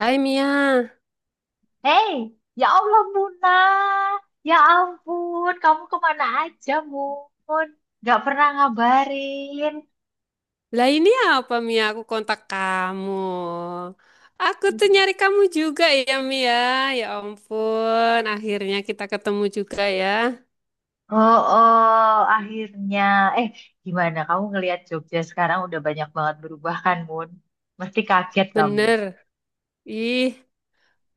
Hai Mia, Hei, ya Allah Muna, ya ampun, kamu kemana aja Mun? Gak pernah ngabarin. lah ini apa Mia? Aku kontak kamu. Aku tuh nyari kamu juga ya Mia. Ya ampun, akhirnya kita ketemu juga ya. Oh, oh, akhirnya. Eh, gimana kamu ngelihat Jogja sekarang udah banyak banget berubah kan Mun? Mesti kaget kamu. Bener. Ih,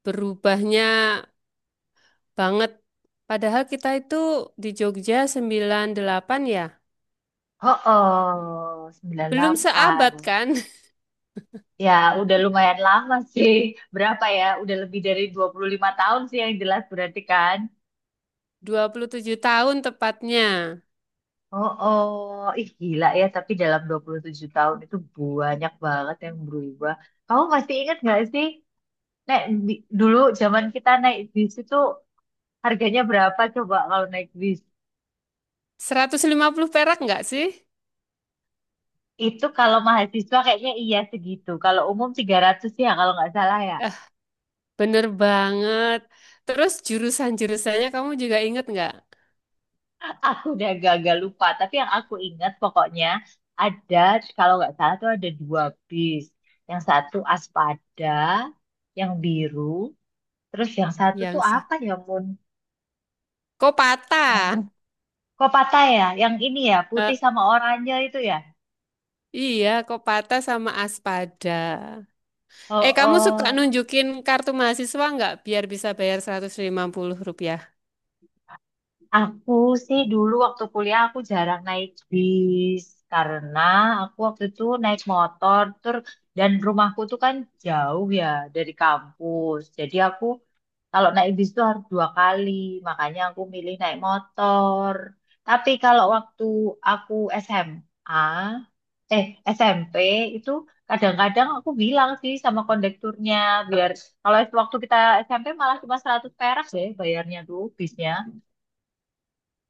berubahnya banget. Padahal kita itu di Jogja 98 ya. Oh, oh, sembilan Belum delapan. seabad kan? Ya, udah lumayan lama sih. Berapa ya? Udah lebih dari 25 tahun sih yang jelas berarti kan? 27 tahun tepatnya. Oh, oh, ih gila ya, tapi dalam 27 tahun itu banyak banget yang berubah. Kamu masih ingat nggak sih, dulu zaman kita naik bis itu harganya berapa coba kalau naik bis? Seratus lima puluh perak nggak sih? Itu kalau mahasiswa kayaknya iya segitu. Kalau umum 300 ya kalau nggak salah ya. Ah, bener banget. Terus jurusan-jurusannya kamu juga inget nggak? Aku udah gagal lupa, tapi yang aku ingat pokoknya ada, kalau nggak salah tuh ada dua bis. Yang satu Aspada, yang biru, terus yang satu Yang tuh sa- apa ya, Mun? Kok patah? Kok patah ya? Yang ini ya, Eh, putih sama oranye itu ya. iya, kok patah sama Aspada. Eh, Oh, kamu suka oh. nunjukin kartu mahasiswa nggak biar bisa bayar 150 rupiah? Aku sih dulu waktu kuliah aku jarang naik bis karena aku waktu itu naik motor tur dan rumahku tuh kan jauh ya dari kampus. Jadi aku, kalau naik bis itu harus dua kali, makanya aku milih naik motor. Tapi kalau waktu aku SMA, eh SMP itu kadang-kadang aku bilang sih sama kondekturnya biar kalau waktu kita SMP malah cuma 100 perak deh bayarnya tuh bisnya.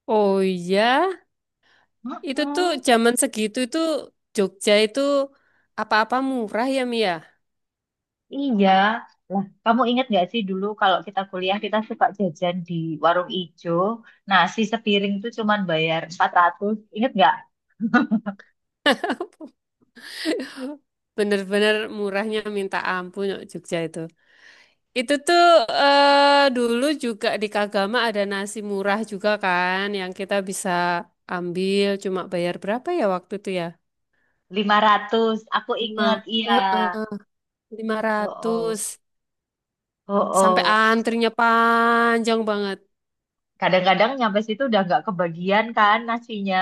Oh iya, itu tuh Mm-mm, zaman segitu tuh Jogja itu apa-apa murah ya Mia. iya. Lah, kamu ingat nggak sih dulu kalau kita kuliah kita suka jajan di warung ijo. Nasi sepiring tuh cuman bayar 400. Ingat nggak? Bener-bener murahnya minta ampun Jogja itu. Itu tuh Dulu juga di Kagama ada nasi murah juga kan yang kita bisa ambil cuma bayar berapa ya waktu itu ya? 500 aku Lima, inget, iya. Heeh, lima Oh, ratus. oh, oh, Sampai oh. antrinya panjang banget. Kadang-kadang nyampe situ udah nggak kebagian kan nasinya.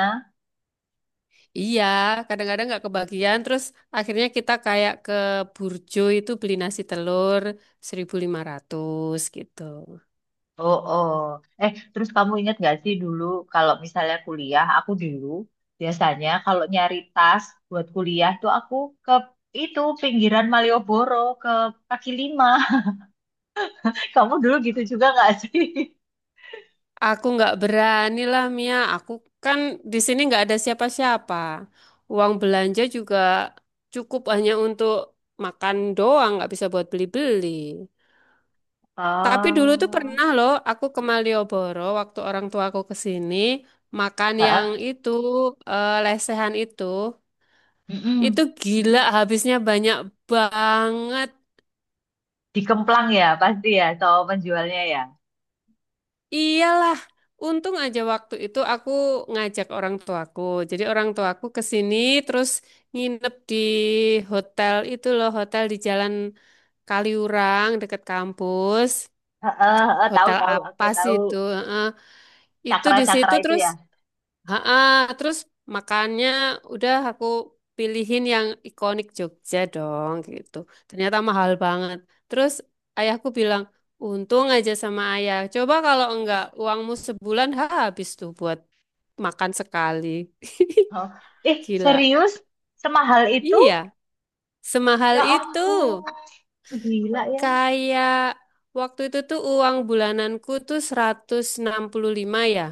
Iya, kadang-kadang nggak kebagian. Terus akhirnya kita kayak ke Burjo itu beli nasi telur 1.500 gitu. Oh, oh. Eh, terus kamu inget nggak sih dulu kalau misalnya kuliah, aku dulu biasanya kalau nyari tas buat kuliah tuh aku ke itu pinggiran Malioboro ke kaki lima. Kamu dulu gitu juga nggak sih? Aku nggak berani lah Mia. Aku kan di sini nggak ada siapa-siapa. Uang belanja juga cukup hanya untuk makan doang, nggak bisa buat beli-beli. Tapi dulu tuh Oh, pernah loh aku ke Malioboro waktu orang tua aku ke sini makan yang heeh. Lesehan itu. Mm-mm. Itu gila habisnya banyak banget. Di Kemplang ya pasti ya, so penjualnya ya. Iyalah, untung aja waktu itu aku ngajak orang tuaku. Jadi orang tuaku ke sini terus nginep di hotel itu loh, hotel di Jalan Kaliurang dekat kampus. Heeh, heeh, tahu Hotel tahu aku apa sih tahu. itu? Heeh. Itu di Cakra-cakra situ itu terus ya. Ha-ah, terus makannya udah aku pilihin yang ikonik Jogja dong gitu. Ternyata mahal banget. Terus ayahku bilang, untung aja sama ayah. Coba kalau enggak uangmu sebulan ha, habis tuh buat makan sekali. Oh. Eh, Gila. serius? Semahal itu? Iya, semahal Ya itu. ampun, gila ya. Kayak waktu itu tuh uang bulananku tuh 165 ya.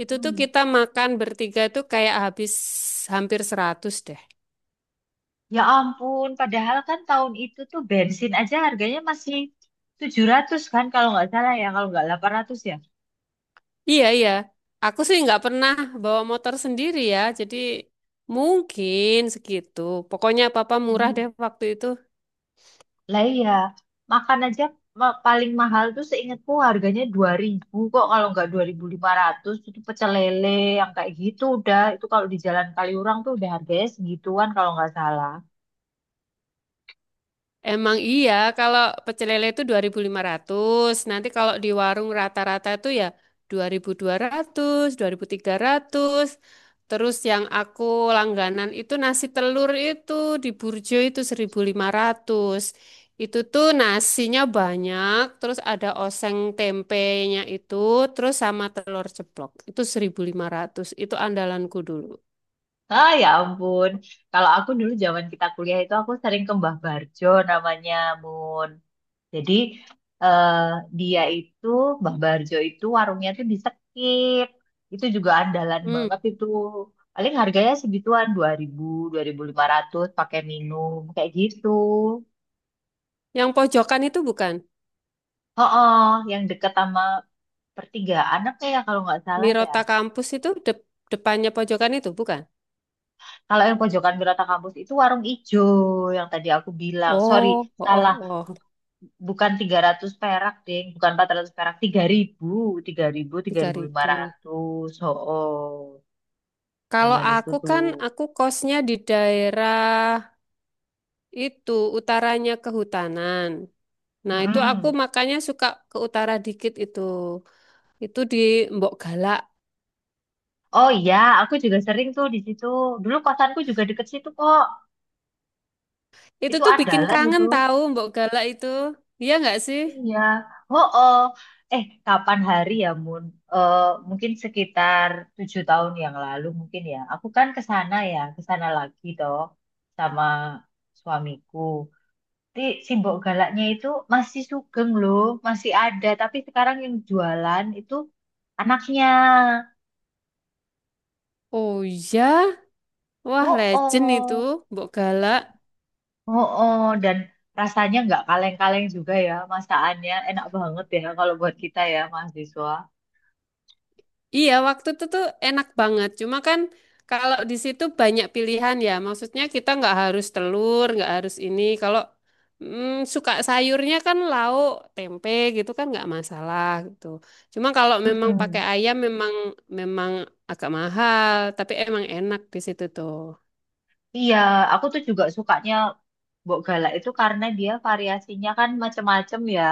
Itu tuh Hmm. kita makan bertiga tuh kayak habis hampir 100 deh. Ya ampun, padahal kan tahun itu tuh bensin aja harganya masih 700 kan kalau nggak salah ya, kalau nggak 800 ya. Iya, iya. Aku sih nggak pernah bawa motor sendiri ya. Jadi mungkin segitu. Pokoknya papa murah deh Hmm. waktu itu. Lah iya, makan aja paling mahal tuh seingatku harganya 2.000 kok kalau nggak 2.500 itu pecel lele yang kayak gitu udah. Itu kalau di Jalan Kaliurang tuh udah harganya segituan kalau nggak salah. Emang iya, kalau pecel lele itu 2.500, nanti kalau di warung rata-rata itu ya 2.200, 2.300. Terus yang aku langganan itu nasi telur itu di Burjo itu 1.500. Itu tuh nasinya banyak, terus ada oseng tempenya itu, terus sama telur ceplok. Itu 1.500, itu andalanku dulu. Ah ya ampun. Kalau aku dulu zaman kita kuliah itu aku sering ke Mbah Barjo namanya Mun. Jadi eh, dia itu Mbah Barjo itu warungnya tuh di Sekip. Itu juga andalan Hmm. banget itu. Paling harganya segituan 2.000, 2.500 pakai minum kayak gitu. Yang pojokan itu bukan? Oh, yang deket sama pertigaan apa ya kalau nggak salah ya. Mirota kampus itu depannya pojokan itu, bukan? Kalau yang pojokan Wirata Kampus itu warung ijo yang tadi aku bilang. Sorry, Oh, oh, salah. oh, oh, Bu- Bukan 300 perak, Ding. Bukan 400 perak. Tiga tiga tiga ribu, ribu, tiga ribu lima ribu. ratus. Oh, Kalau zaman itu aku tuh. kan, aku kosnya di daerah itu, utaranya kehutanan. Nah, itu aku Mm-mm. makanya suka ke utara dikit itu. Itu di Mbok Galak. Oh iya, aku juga sering tuh di situ. Dulu kosanku juga deket situ kok. Itu Itu tuh bikin andalan itu. kangen tahu Mbok Galak itu. Iya nggak sih? Iya, oh, oh. Eh, kapan hari ya, Mun? Eh, mungkin sekitar 7 tahun yang lalu mungkin ya. Aku kan ke sana ya, ke sana lagi toh sama suamiku. Tapi si Mbok Galaknya itu masih sugeng loh, masih ada. Tapi sekarang yang jualan itu anaknya. Oh iya. Wah, Oh, legend itu oh, Mbok Galak. oh, oh. Dan rasanya nggak kaleng-kaleng juga ya, masakannya enak banget ya kalau buat kita ya mahasiswa. Iya, waktu itu tuh enak banget. Cuma kan kalau di situ banyak pilihan ya. Maksudnya kita nggak harus telur, nggak harus ini. Suka sayurnya kan lauk, tempe gitu kan nggak masalah gitu. Cuma kalau memang pakai Mm-mm. ayam memang memang agak mahal, tapi emang enak di situ tuh. Iya, aku tuh juga sukanya Mbok Galak itu karena dia variasinya kan macem-macem ya.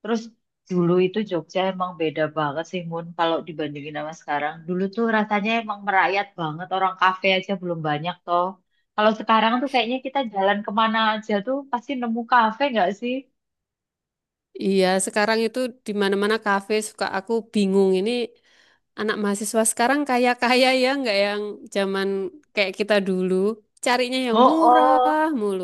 Terus dulu itu Jogja emang beda banget sih Mun kalau dibandingin sama sekarang. Dulu tuh rasanya emang merayat banget, orang kafe aja belum banyak toh. Kalau sekarang tuh kayaknya kita jalan kemana aja tuh pasti nemu kafe nggak sih? Iya, sekarang itu di mana-mana kafe suka aku bingung ini anak mahasiswa sekarang kaya-kaya ya, nggak yang zaman kayak kita dulu, carinya yang Oh, oh. murah mulu.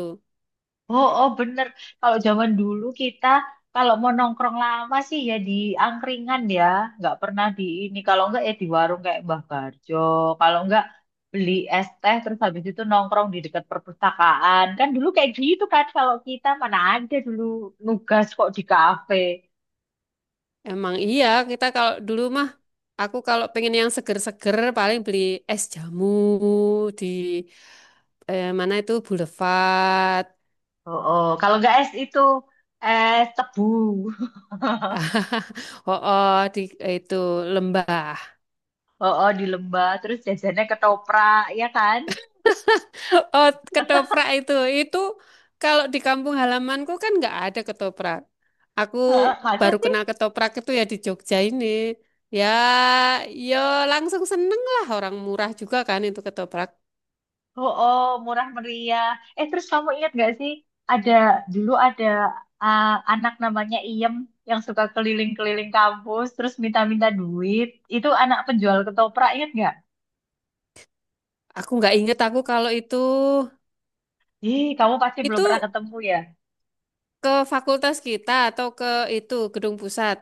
Oh, oh bener. Kalau zaman dulu kita kalau mau nongkrong lama sih ya di angkringan ya, nggak pernah di ini. Kalau nggak ya di warung kayak Mbah Barjo. Kalau nggak beli es teh terus habis itu nongkrong di dekat perpustakaan. Kan dulu kayak gitu kan kalau kita mana ada dulu nugas kok di kafe. Emang iya, kita kalau dulu mah, aku kalau pengen yang seger-seger paling beli es jamu di mana itu Boulevard, Oh, oh. Kalau nggak es itu es tebu. oh, oh di eh, itu lembah. Oh, oh di lembah terus jajannya ketoprak ya kan? Oh, ketoprak itu. Itu kalau di kampung halamanku kan nggak ada ketoprak. Aku Heeh, masa baru sih? kenal ketoprak itu ya di Jogja ini. Ya, Yo langsung seneng lah orang murah juga kan itu ketoprak. Oh, oh, murah meriah. Eh, terus kamu ingat gak sih, ada dulu ada ah, anak namanya Iem yang suka keliling-keliling kampus, terus minta-minta duit. Itu anak penjual ketoprak, ingat gak? Aku nggak inget aku kalau itu Ih, kamu pasti belum pernah itu ketemu ya. ke fakultas kita atau ke itu gedung pusat.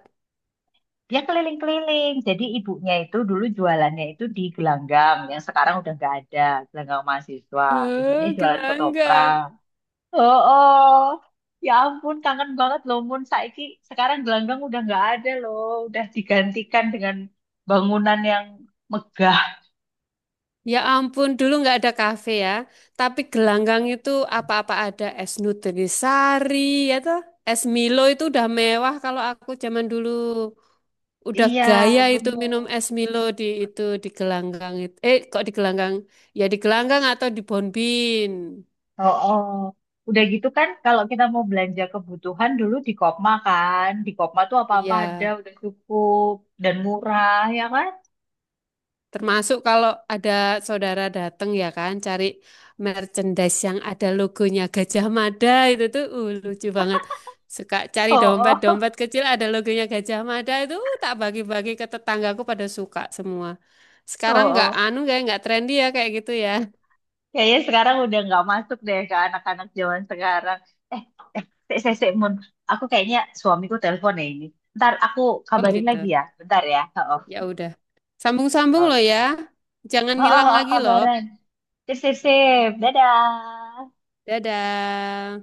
Dia keliling-keliling. Jadi ibunya itu dulu jualannya itu di gelanggang, yang sekarang udah nggak ada, gelanggang mahasiswa. Ibunya Eh, jualan gelanggang. ketoprak. Oh, oh. Ya ampun, kangen banget loh Mun. Saiki sekarang gelanggang udah nggak ada loh. Udah digantikan dengan bangunan yang megah. Ya ampun, dulu nggak ada kafe ya. Tapi gelanggang itu apa-apa ada es nutrisari, ya toh. Es Milo itu udah mewah kalau aku zaman dulu. Udah Iya, gaya itu minum bener. es Milo di itu di gelanggang itu. Eh, kok di gelanggang? Ya di gelanggang atau di Bonbin. Oh, oh. Udah gitu kan kalau kita mau belanja kebutuhan dulu di Kopma kan. Di Kopma tuh apa-apa Iya. ada, udah cukup dan murah, ya kan? Termasuk kalau ada saudara datang ya kan, cari merchandise yang ada logonya Gajah Mada itu tuh lucu banget. Suka cari Oh, oh. dompet-dompet kecil ada logonya Gajah Mada itu tak bagi-bagi ke tetanggaku pada suka semua. Oh, Sekarang nggak oh. anu kayak nggak trendy ya kayak gitu ya. Kayaknya sekarang udah nggak masuk deh ke anak-anak zaman sekarang. Eh, eh, sik, sik, sik, Mun. Aku kayaknya suamiku telepon ya ini. Ntar aku Oh kabarin lagi gitu. ya. Bentar ya. Oh, Ya udah. Sambung-sambung oh, loh ya. Jangan oh, oh, ngilang oh, lagi loh. kabaran. Sip, sip, sip. Dadah. Dadah.